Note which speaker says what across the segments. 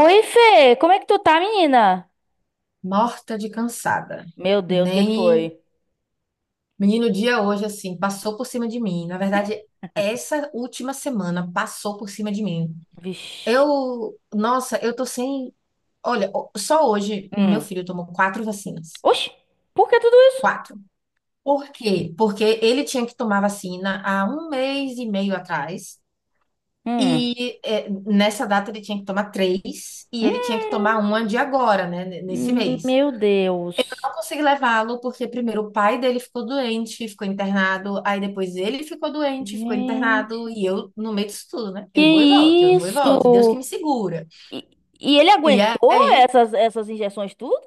Speaker 1: Oi, Fê, como é que tu tá, menina?
Speaker 2: Morta de cansada.
Speaker 1: Meu Deus, o que que
Speaker 2: Nem.
Speaker 1: foi?
Speaker 2: Menino, o dia hoje, assim, passou por cima de mim. Na verdade, essa última semana passou por cima de mim.
Speaker 1: Vixe.
Speaker 2: Eu. Nossa, eu tô sem. Olha, só hoje meu
Speaker 1: Hum.
Speaker 2: filho tomou quatro vacinas.
Speaker 1: Oxi, por que tudo isso?
Speaker 2: Quatro. Por quê? Porque ele tinha que tomar vacina há um mês e meio atrás.
Speaker 1: Hum.
Speaker 2: E nessa data ele tinha que tomar três. E
Speaker 1: Hum.
Speaker 2: ele tinha que tomar uma de agora, né? Nesse mês.
Speaker 1: Meu Deus.
Speaker 2: Consegui levá-lo, porque primeiro o pai dele ficou doente, ficou internado, aí depois ele ficou doente, ficou internado,
Speaker 1: Gente.
Speaker 2: e eu no meio disso tudo, né? Eu vou e volto, eu
Speaker 1: Que
Speaker 2: vou e volto, Deus que me
Speaker 1: isso?
Speaker 2: segura.
Speaker 1: E, e ele
Speaker 2: E
Speaker 1: aguentou
Speaker 2: aí,
Speaker 1: essas, essas injeções tudo?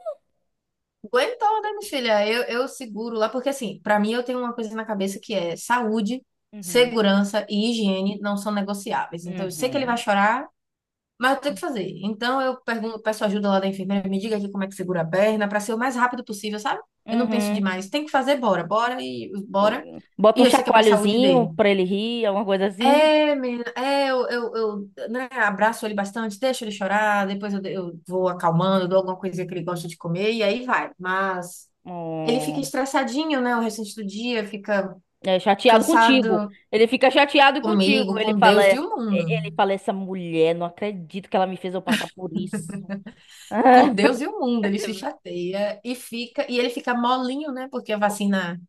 Speaker 2: aguentou, né, minha filha? Eu seguro lá, porque assim, pra mim eu tenho uma coisa na cabeça que é saúde,
Speaker 1: Uhum.
Speaker 2: segurança e higiene não são negociáveis. Então eu sei que ele vai
Speaker 1: Uhum.
Speaker 2: chorar, mas eu tenho que fazer. Então eu pergunto, peço ajuda lá da enfermeira, me diga aqui como é que segura a perna, para ser o mais rápido possível, sabe? Eu não penso
Speaker 1: Uhum.
Speaker 2: demais. Tem que fazer, bora, bora e bora.
Speaker 1: Bota
Speaker 2: E
Speaker 1: um
Speaker 2: eu sei que é para a saúde
Speaker 1: chacoalhozinho
Speaker 2: dele.
Speaker 1: pra ele rir, alguma coisa assim.
Speaker 2: É, menina, é, eu, né, abraço ele bastante, deixo ele chorar, depois eu vou acalmando, dou alguma coisinha que ele gosta de comer e aí vai. Mas ele fica estressadinho, né, o restante do dia, fica
Speaker 1: É chateado contigo.
Speaker 2: cansado
Speaker 1: Ele fica chateado contigo.
Speaker 2: comigo,
Speaker 1: Ele
Speaker 2: com
Speaker 1: fala,
Speaker 2: Deus
Speaker 1: é,
Speaker 2: e o mundo.
Speaker 1: é, ele fala, essa mulher, não acredito que ela me fez eu passar por isso.
Speaker 2: Com Deus e o mundo, ele se chateia e fica, e ele fica molinho, né? Porque a vacina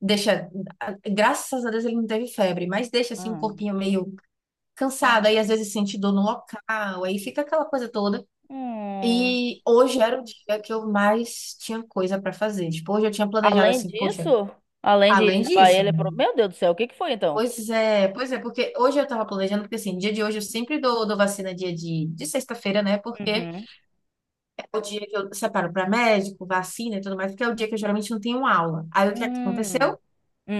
Speaker 2: deixa, graças a Deus ele não teve febre, mas deixa assim um
Speaker 1: Hum,
Speaker 2: corpinho meio cansado,
Speaker 1: hum,
Speaker 2: aí às vezes sente dor no local, aí fica aquela coisa toda.
Speaker 1: hum.
Speaker 2: E hoje era o dia que eu mais tinha coisa para fazer. Tipo, hoje eu tinha planejado
Speaker 1: Além
Speaker 2: assim, poxa,
Speaker 1: disso, além de
Speaker 2: além
Speaker 1: levar
Speaker 2: disso,
Speaker 1: ele
Speaker 2: meu,
Speaker 1: pro... Meu Deus do céu, o que que foi então?
Speaker 2: pois é, porque hoje eu tava planejando, porque assim, dia de hoje eu sempre dou vacina dia de sexta-feira, né? Porque
Speaker 1: Uhum.
Speaker 2: é o dia que eu separo para médico, vacina e tudo mais, porque é o dia que eu geralmente não tenho aula. Aí o que
Speaker 1: Hum,
Speaker 2: aconteceu?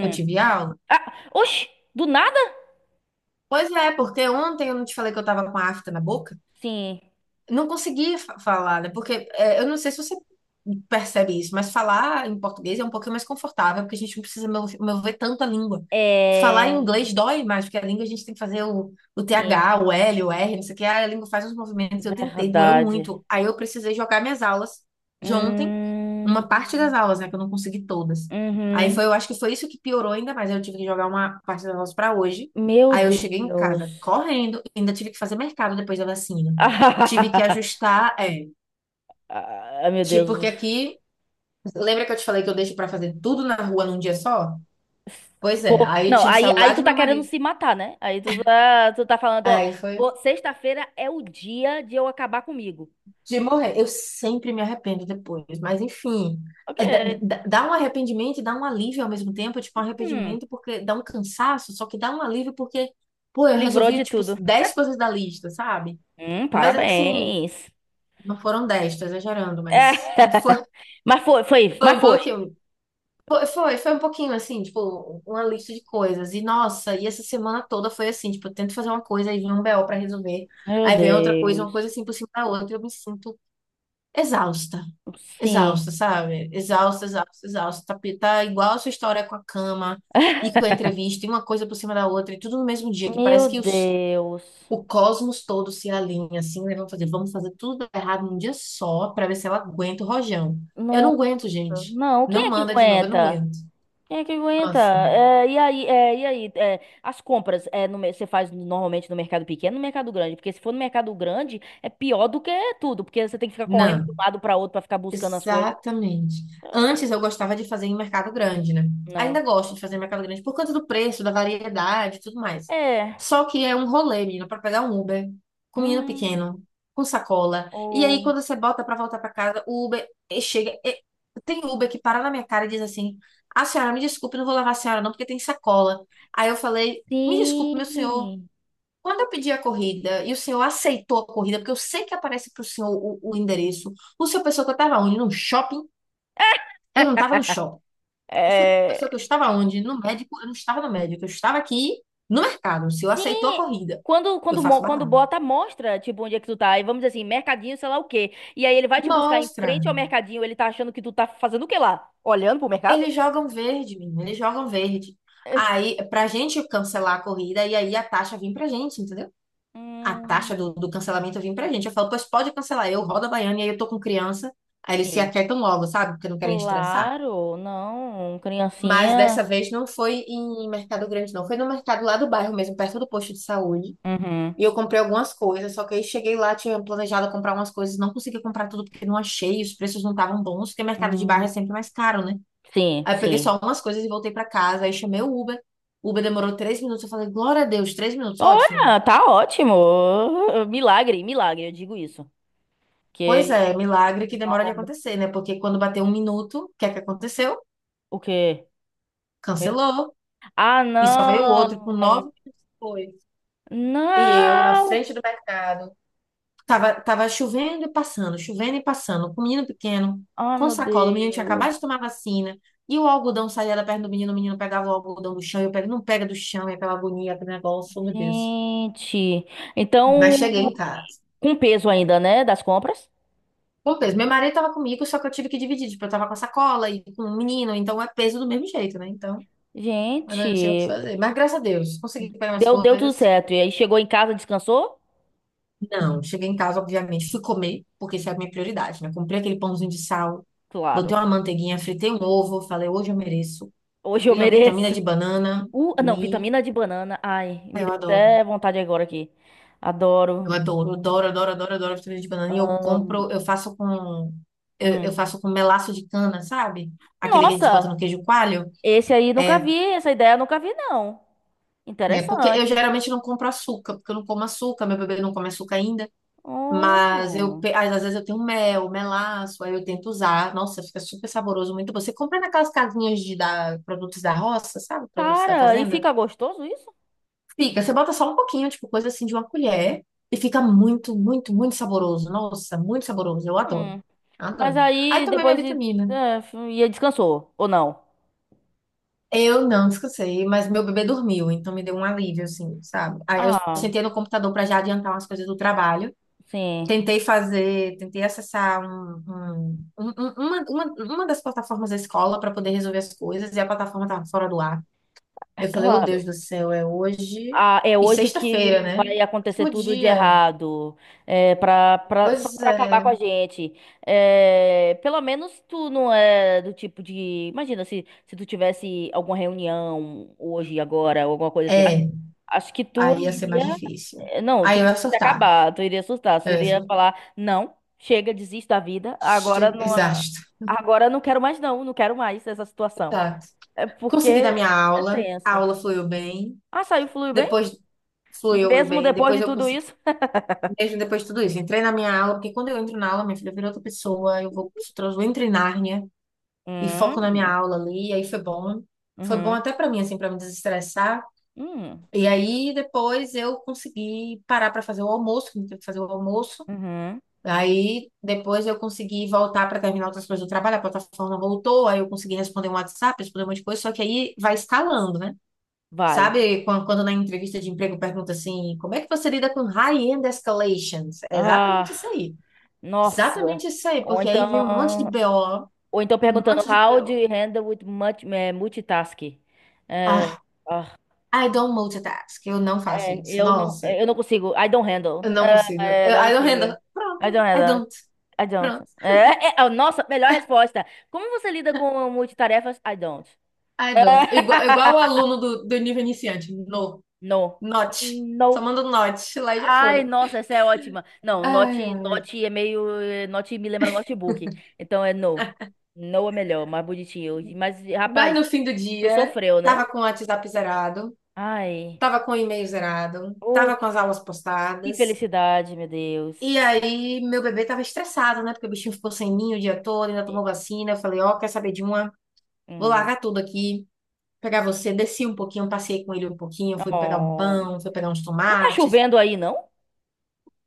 Speaker 2: Eu tive aula.
Speaker 1: Ah, oxi, do nada?
Speaker 2: Pois é, porque ontem eu não te falei que eu tava com a afta na boca?
Speaker 1: Sim,
Speaker 2: Não conseguia falar, né? Porque é, eu não sei se você percebe isso, mas falar em português é um pouquinho mais confortável, porque a gente não precisa mover tanta língua. Falar
Speaker 1: é,
Speaker 2: em inglês dói mais, porque a língua a gente tem que fazer o,
Speaker 1: sim,
Speaker 2: TH, o L, o R, não sei o que, a língua faz uns movimentos, eu tentei, doeu
Speaker 1: verdade.
Speaker 2: muito. Aí eu precisei jogar minhas aulas de ontem,
Speaker 1: Hum,
Speaker 2: uma parte das aulas, né, que eu não consegui todas. Aí
Speaker 1: uhum.
Speaker 2: foi, eu acho que foi isso que piorou ainda mais, eu tive que jogar uma parte das aulas para hoje.
Speaker 1: Meu
Speaker 2: Aí eu cheguei em casa
Speaker 1: Deus.
Speaker 2: correndo, ainda tive que fazer mercado depois da vacina. Tive que ajustar, é.
Speaker 1: Ah, ah, meu Deus.
Speaker 2: Tipo, porque aqui, lembra que eu te falei que eu deixo pra fazer tudo na rua num dia só? Pois é,
Speaker 1: Pô,
Speaker 2: aí
Speaker 1: não,
Speaker 2: tinha o
Speaker 1: aí
Speaker 2: celular
Speaker 1: tu
Speaker 2: de
Speaker 1: tá
Speaker 2: meu
Speaker 1: querendo
Speaker 2: marido.
Speaker 1: se matar, né? Aí tu tá falando, ó,
Speaker 2: Aí foi
Speaker 1: pô, sexta-feira é o dia de eu acabar comigo.
Speaker 2: de morrer. Eu sempre me arrependo depois, mas enfim.
Speaker 1: Ok.
Speaker 2: É, dá, dá um arrependimento e dá um alívio ao mesmo tempo, tipo, um
Speaker 1: Hum,
Speaker 2: arrependimento porque dá um cansaço, só que dá um alívio porque, pô, eu
Speaker 1: se livrou
Speaker 2: resolvi,
Speaker 1: de
Speaker 2: tipo,
Speaker 1: tudo.
Speaker 2: 10 coisas da lista, sabe? Mas assim,
Speaker 1: Parabéns.
Speaker 2: não foram 10 tô exagerando, mas,
Speaker 1: É,
Speaker 2: mas foi,
Speaker 1: mas foi, foi,
Speaker 2: foi
Speaker 1: mas
Speaker 2: um
Speaker 1: foi.
Speaker 2: pouquinho. Foi um pouquinho assim, tipo, uma lista de coisas. E nossa, e essa semana toda foi assim, tipo, eu tento fazer uma coisa aí vem um BO pra resolver.
Speaker 1: Meu
Speaker 2: Aí vem outra coisa, uma coisa
Speaker 1: Deus.
Speaker 2: assim por cima da outra, eu me sinto exausta.
Speaker 1: Sim.
Speaker 2: Exausta, sabe? Exausta, exausta, exausta. Tá, tá igual a sua história com a cama e com a entrevista, e uma coisa por cima da outra, e tudo no mesmo dia, que parece
Speaker 1: Meu
Speaker 2: que os,
Speaker 1: Deus.
Speaker 2: o cosmos todo se alinha assim, né? Vamos fazer tudo errado num dia só pra ver se ela aguenta o rojão. Eu não
Speaker 1: Nossa,
Speaker 2: aguento, gente.
Speaker 1: não,
Speaker 2: Não
Speaker 1: quem é que
Speaker 2: manda de novo, eu não
Speaker 1: aguenta?
Speaker 2: aguento.
Speaker 1: Quem é que aguenta?
Speaker 2: Nossa.
Speaker 1: É, e aí, as compras é, no, mer- você faz normalmente no mercado pequeno, ou no mercado grande, porque se for no mercado grande é pior do que tudo, porque você tem que ficar correndo
Speaker 2: Não,
Speaker 1: de um lado para outro para ficar buscando as coisas.
Speaker 2: exatamente. Antes eu gostava de fazer em mercado grande, né?
Speaker 1: Não.
Speaker 2: Ainda gosto de fazer em mercado grande por conta do preço, da variedade e tudo mais.
Speaker 1: É.
Speaker 2: Só que é um rolê, menina, para pegar um Uber com um menino
Speaker 1: Hum.
Speaker 2: pequeno, com sacola. E aí
Speaker 1: Oh.
Speaker 2: quando você bota para voltar para casa, o Uber chega. Tem Uber que para na minha cara e diz assim: A senhora, me desculpe, não vou levar a senhora não, porque tem sacola. Aí eu falei: Me desculpe, meu senhor.
Speaker 1: Sim.
Speaker 2: Quando eu pedi a corrida e o senhor aceitou a corrida, porque eu sei que aparece para o senhor o endereço, o senhor pensou que eu estava onde? No shopping? Eu não estava no shopping. O senhor
Speaker 1: É.
Speaker 2: pensou que eu estava onde? No médico? Eu não estava no médico. Eu estava aqui no mercado. O senhor
Speaker 1: Sim.
Speaker 2: aceitou a corrida.
Speaker 1: Quando,
Speaker 2: Eu
Speaker 1: quando,
Speaker 2: faço
Speaker 1: mo- quando
Speaker 2: barraco.
Speaker 1: bota, mostra, tipo, onde é que tu tá. E vamos dizer assim, mercadinho, sei lá o quê. E aí ele vai te buscar em
Speaker 2: Mostra.
Speaker 1: frente ao mercadinho, ele tá achando que tu tá fazendo o quê lá? Olhando pro mercado?
Speaker 2: Eles jogam verde, menino. Eles jogam verde. Aí, pra gente cancelar a corrida, e aí a taxa vem pra gente, entendeu? A taxa do,
Speaker 1: Hum,
Speaker 2: do cancelamento vem pra gente. Eu falo, pois pode cancelar. Eu rodo a baiana e aí eu tô com criança. Aí eles se
Speaker 1: sim.
Speaker 2: aquietam logo, sabe? Porque não querem estressar.
Speaker 1: Claro, não. Um
Speaker 2: Mas
Speaker 1: criancinha.
Speaker 2: dessa vez não foi em Mercado Grande, não. Foi no mercado lá do bairro mesmo, perto do posto de saúde.
Speaker 1: Uhum.
Speaker 2: E eu comprei algumas coisas, só que aí cheguei lá, tinha planejado comprar umas coisas, não consegui comprar tudo porque não achei, os preços não estavam bons, porque mercado de bairro
Speaker 1: Hum,
Speaker 2: é sempre mais caro, né?
Speaker 1: sim,
Speaker 2: Aí eu peguei
Speaker 1: sim.
Speaker 2: só umas coisas e voltei pra casa, aí chamei o Uber. O Uber demorou 3 minutos, eu falei, glória a Deus, 3 minutos, ótimo.
Speaker 1: Olha, tá ótimo. Milagre, milagre, eu digo isso.
Speaker 2: Pois é,
Speaker 1: Que.
Speaker 2: milagre que demora de
Speaker 1: Não.
Speaker 2: acontecer, né? Porque quando bateu 1 minuto, o que é que aconteceu?
Speaker 1: O quê? Meu-
Speaker 2: Cancelou.
Speaker 1: Ah,
Speaker 2: E só veio outro com
Speaker 1: não!
Speaker 2: 9 minutos depois. E eu, na
Speaker 1: Não!
Speaker 2: frente do mercado, tava, tava chovendo e passando, com o menino pequeno,
Speaker 1: Ai,
Speaker 2: com
Speaker 1: meu
Speaker 2: sacola, o menino tinha
Speaker 1: Deus.
Speaker 2: acabado de tomar vacina, e o algodão saía da perna do menino, o menino pegava o algodão do chão, e eu pego, não pega do chão, e aquela agonia, aquele negócio, oh, meu Deus.
Speaker 1: Gente.
Speaker 2: Mas cheguei
Speaker 1: Então,
Speaker 2: em casa.
Speaker 1: com peso ainda, né? Das compras?
Speaker 2: Com peso. Meu marido tava comigo, só que eu tive que dividir, tipo, eu tava com a sacola e com o menino, então é peso do mesmo jeito, né? Então, eu
Speaker 1: Gente,
Speaker 2: não tinha o que fazer. Mas graças a Deus, consegui pegar umas
Speaker 1: deu, deu tudo
Speaker 2: coisas.
Speaker 1: certo. E aí chegou em casa, descansou?
Speaker 2: Não, cheguei em casa, obviamente, fui comer, porque isso é a minha prioridade, né? Comprei aquele pãozinho de sal, botei
Speaker 1: Claro.
Speaker 2: uma manteiguinha, fritei um ovo, falei, hoje eu mereço.
Speaker 1: Hoje eu
Speaker 2: Fiz uma vitamina
Speaker 1: mereço.
Speaker 2: de banana,
Speaker 1: Não,
Speaker 2: comi.
Speaker 1: vitamina de banana. Ai,
Speaker 2: Ah,
Speaker 1: me
Speaker 2: eu
Speaker 1: deu
Speaker 2: adoro,
Speaker 1: até vontade agora aqui. Adoro.
Speaker 2: eu adoro, adoro, adoro, adoro, adoro vitamina de banana. E eu compro, eu faço com, eu
Speaker 1: Hum.
Speaker 2: faço com melaço de cana, sabe? Aquele que a gente bota no
Speaker 1: Nossa,
Speaker 2: queijo coalho.
Speaker 1: esse aí nunca
Speaker 2: É,
Speaker 1: vi, essa ideia eu nunca vi, não.
Speaker 2: porque eu
Speaker 1: Interessante.
Speaker 2: geralmente não compro açúcar, porque eu não como açúcar, meu bebê não come açúcar ainda. Mas eu,
Speaker 1: Hum.
Speaker 2: às vezes eu tenho mel, melaço, aí eu tento usar. Nossa, fica super saboroso, muito bom. Você compra naquelas casinhas de produtos da roça, sabe? Produtos da
Speaker 1: Cara, e
Speaker 2: fazenda.
Speaker 1: fica gostoso isso?
Speaker 2: Fica, você bota só um pouquinho, tipo coisa assim de uma colher, e fica muito, muito, muito saboroso. Nossa, muito saboroso. Eu adoro.
Speaker 1: Hum. Mas
Speaker 2: Adoro. Aí
Speaker 1: aí
Speaker 2: tomei minha
Speaker 1: depois de.
Speaker 2: vitamina.
Speaker 1: E aí descansou, ou não?
Speaker 2: Eu não descansei, mas meu bebê dormiu, então me deu um alívio, assim, sabe? Aí eu
Speaker 1: Ah,
Speaker 2: sentei no computador para já adiantar umas coisas do trabalho.
Speaker 1: sim.
Speaker 2: Tentei fazer, tentei acessar um, uma das plataformas da escola para poder resolver as coisas e a plataforma estava fora do ar.
Speaker 1: É
Speaker 2: Eu falei, oh
Speaker 1: claro.
Speaker 2: Deus do céu, é hoje
Speaker 1: Ah, é
Speaker 2: e
Speaker 1: hoje
Speaker 2: sexta-feira,
Speaker 1: que
Speaker 2: né?
Speaker 1: vai acontecer
Speaker 2: Último
Speaker 1: tudo de
Speaker 2: dia.
Speaker 1: errado, é, pra, pra, só
Speaker 2: Pois
Speaker 1: pra acabar com
Speaker 2: é.
Speaker 1: a gente. É, pelo menos tu não é do tipo de. Imagina se, se tu tivesse alguma reunião hoje, agora, ou alguma coisa assim. A-
Speaker 2: É,
Speaker 1: Acho que tu
Speaker 2: aí ia ser mais
Speaker 1: iria.
Speaker 2: difícil.
Speaker 1: Não, tu
Speaker 2: Aí eu
Speaker 1: iria
Speaker 2: ia
Speaker 1: se
Speaker 2: surtar.
Speaker 1: acabar, tu iria assustar, tu
Speaker 2: Eu ia
Speaker 1: iria
Speaker 2: surtar.
Speaker 1: falar: não, chega, desisto da vida, agora não.
Speaker 2: Exausto.
Speaker 1: Agora não quero mais, não, não quero mais essa situação.
Speaker 2: Exato.
Speaker 1: É porque
Speaker 2: Consegui dar minha
Speaker 1: é
Speaker 2: aula, a
Speaker 1: tenso.
Speaker 2: aula
Speaker 1: Ah, saiu, flui bem?
Speaker 2: depois fluiu
Speaker 1: Mesmo
Speaker 2: bem,
Speaker 1: depois de
Speaker 2: depois eu
Speaker 1: tudo
Speaker 2: consegui.
Speaker 1: isso?
Speaker 2: Mesmo depois de tudo isso, entrei na minha aula, porque quando eu entro na aula, minha filha vira outra pessoa, eu vou, eu entro em Nárnia e foco na minha
Speaker 1: Hum,
Speaker 2: aula ali, e aí foi bom. Foi bom
Speaker 1: uhum,
Speaker 2: até pra mim, assim, pra me desestressar.
Speaker 1: hum,
Speaker 2: E aí depois eu consegui parar pra fazer o almoço, que eu tive que fazer o almoço.
Speaker 1: uhum.
Speaker 2: Aí depois eu consegui voltar pra terminar outras coisas do trabalho, a plataforma voltou, aí eu consegui responder um WhatsApp, responder um monte de coisa, só que aí vai escalando, né?
Speaker 1: Vai.
Speaker 2: Sabe quando na entrevista de emprego pergunta assim, como é que você lida com high-end escalations? É exatamente isso
Speaker 1: Ah,
Speaker 2: aí.
Speaker 1: nossa.
Speaker 2: Exatamente isso aí,
Speaker 1: Ou
Speaker 2: porque aí vem um monte de
Speaker 1: então,
Speaker 2: BO,
Speaker 1: ou então
Speaker 2: um
Speaker 1: perguntando
Speaker 2: monte de
Speaker 1: how do
Speaker 2: BO.
Speaker 1: you handle with much, multitasking? Eh,
Speaker 2: Ah,
Speaker 1: ah,
Speaker 2: I don't multitask, eu não faço isso. Nossa,
Speaker 1: eu não consigo. I don't
Speaker 2: eu
Speaker 1: handle.
Speaker 2: não consigo. Eu,
Speaker 1: Não
Speaker 2: I don't handle.
Speaker 1: consigo. I
Speaker 2: Pronto,
Speaker 1: don't
Speaker 2: I
Speaker 1: handle.
Speaker 2: don't.
Speaker 1: I don't.
Speaker 2: Pronto,
Speaker 1: Nossa, melhor resposta. Como você lida com multitarefas? I don't.
Speaker 2: I
Speaker 1: Eh,
Speaker 2: don't. Igual, igual o aluno do, nível iniciante, no,
Speaker 1: no.
Speaker 2: not. Só
Speaker 1: No.
Speaker 2: manda um not, lá e já
Speaker 1: Ai,
Speaker 2: foi.
Speaker 1: nossa, essa é ótima. Não,
Speaker 2: Ai,
Speaker 1: note,
Speaker 2: ai.
Speaker 1: note é meio. Note me lembra notebook. Então é no. No é melhor, mais bonitinho. Mas,
Speaker 2: Mas
Speaker 1: rapaz,
Speaker 2: no fim do
Speaker 1: tu
Speaker 2: dia,
Speaker 1: sofreu, né?
Speaker 2: tava com o WhatsApp zerado,
Speaker 1: Ai.
Speaker 2: tava com o e-mail zerado,
Speaker 1: Oh,
Speaker 2: tava com as aulas
Speaker 1: que
Speaker 2: postadas.
Speaker 1: felicidade, meu
Speaker 2: E
Speaker 1: Deus.
Speaker 2: aí, meu bebê tava estressado, né? Porque o bichinho ficou sem mim o dia todo, ainda tomou vacina. Eu falei, ó, quer saber de uma? Vou
Speaker 1: Hum.
Speaker 2: largar tudo aqui, pegar você. Desci um pouquinho, passei com ele um pouquinho, fui pegar um
Speaker 1: Oh.
Speaker 2: pão, fui pegar uns
Speaker 1: Não tá
Speaker 2: tomates.
Speaker 1: chovendo aí, não?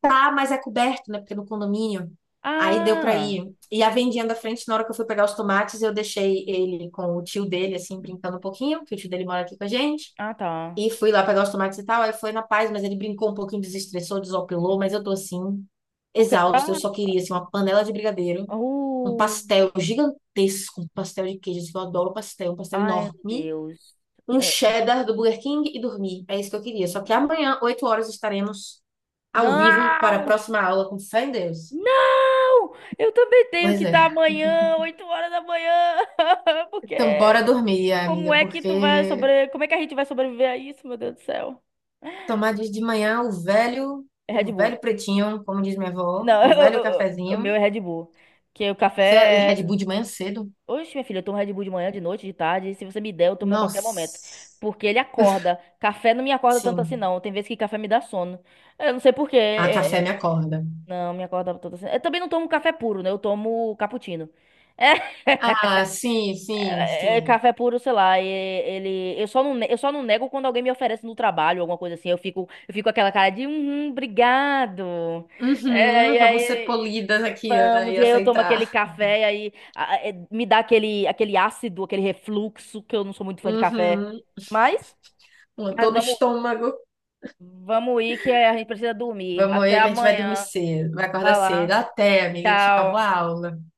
Speaker 2: Tá, mas é coberto, né? Porque é no condomínio. Aí deu pra
Speaker 1: Ah.
Speaker 2: ir. E a vendinha da frente, na hora que eu fui pegar os tomates, eu deixei ele com o tio dele, assim, brincando um pouquinho, porque o tio dele mora aqui com a gente.
Speaker 1: Ah, tá.
Speaker 2: E fui lá pegar os tomates e tal. Aí foi na paz, mas ele brincou um pouquinho, desestressou, desopilou. Mas eu tô assim,
Speaker 1: Porque tá.
Speaker 2: exausta. Eu só queria, assim, uma panela de brigadeiro, um
Speaker 1: Uh.
Speaker 2: pastel gigantesco, um pastel de queijo, assim, que eu adoro pastel, um pastel
Speaker 1: Ai, meu
Speaker 2: enorme,
Speaker 1: Deus.
Speaker 2: um
Speaker 1: Eh,
Speaker 2: cheddar do Burger King e dormir. É isso que eu queria. Só que amanhã, 8 horas, estaremos ao vivo para a
Speaker 1: Não!
Speaker 2: próxima aula, com fé em Deus.
Speaker 1: Não! Eu também tenho
Speaker 2: Pois
Speaker 1: que
Speaker 2: é.
Speaker 1: estar amanhã, 8 horas da manhã. Porque
Speaker 2: Então, bora dormir,
Speaker 1: como
Speaker 2: amiga,
Speaker 1: é que tu vai
Speaker 2: porque
Speaker 1: sobre... Como é que a gente vai sobreviver a isso, meu Deus do céu?
Speaker 2: tomar de manhã
Speaker 1: É
Speaker 2: o
Speaker 1: Red Bull.
Speaker 2: velho pretinho, como diz minha avó,
Speaker 1: Não,
Speaker 2: o velho
Speaker 1: o
Speaker 2: cafezinho.
Speaker 1: meu é Red Bull. Que o
Speaker 2: Você é Red
Speaker 1: café.
Speaker 2: Bull de manhã cedo?
Speaker 1: Oxe, minha filha, eu tomo Red Bull de manhã, de noite, de tarde. Se você me der, eu tomo a qualquer momento.
Speaker 2: Nossa,
Speaker 1: Porque ele acorda. Café não me acorda tanto assim,
Speaker 2: sim.
Speaker 1: não. Tem vezes que café me dá sono. Eu não sei por quê.
Speaker 2: Ah, café me acorda.
Speaker 1: Não, me acorda tanto assim. Eu também não tomo café puro, né? Eu tomo cappuccino. É,
Speaker 2: Ah, sim, sim,
Speaker 1: É, é
Speaker 2: sim.
Speaker 1: café puro, sei lá, ele, eu só não nego quando alguém me oferece no trabalho, alguma coisa assim, eu fico com aquela cara de, uhum, obrigado, é, e
Speaker 2: Uhum, vamos ser
Speaker 1: aí,
Speaker 2: polidas aqui, Ana,
Speaker 1: vamos,
Speaker 2: e
Speaker 1: e aí eu tomo aquele
Speaker 2: aceitar.
Speaker 1: café, e aí me dá aquele, aquele ácido, aquele refluxo, que eu não sou muito fã de café,
Speaker 2: Uhum,
Speaker 1: mas,
Speaker 2: uma dor
Speaker 1: mas
Speaker 2: no
Speaker 1: vamos,
Speaker 2: estômago.
Speaker 1: vamos ir que a gente precisa dormir,
Speaker 2: Vamos
Speaker 1: até
Speaker 2: aí que a gente vai dormir
Speaker 1: amanhã,
Speaker 2: cedo, vai acordar
Speaker 1: vai
Speaker 2: cedo.
Speaker 1: lá,
Speaker 2: Até, amiga, tchau, boa
Speaker 1: tchau.
Speaker 2: aula.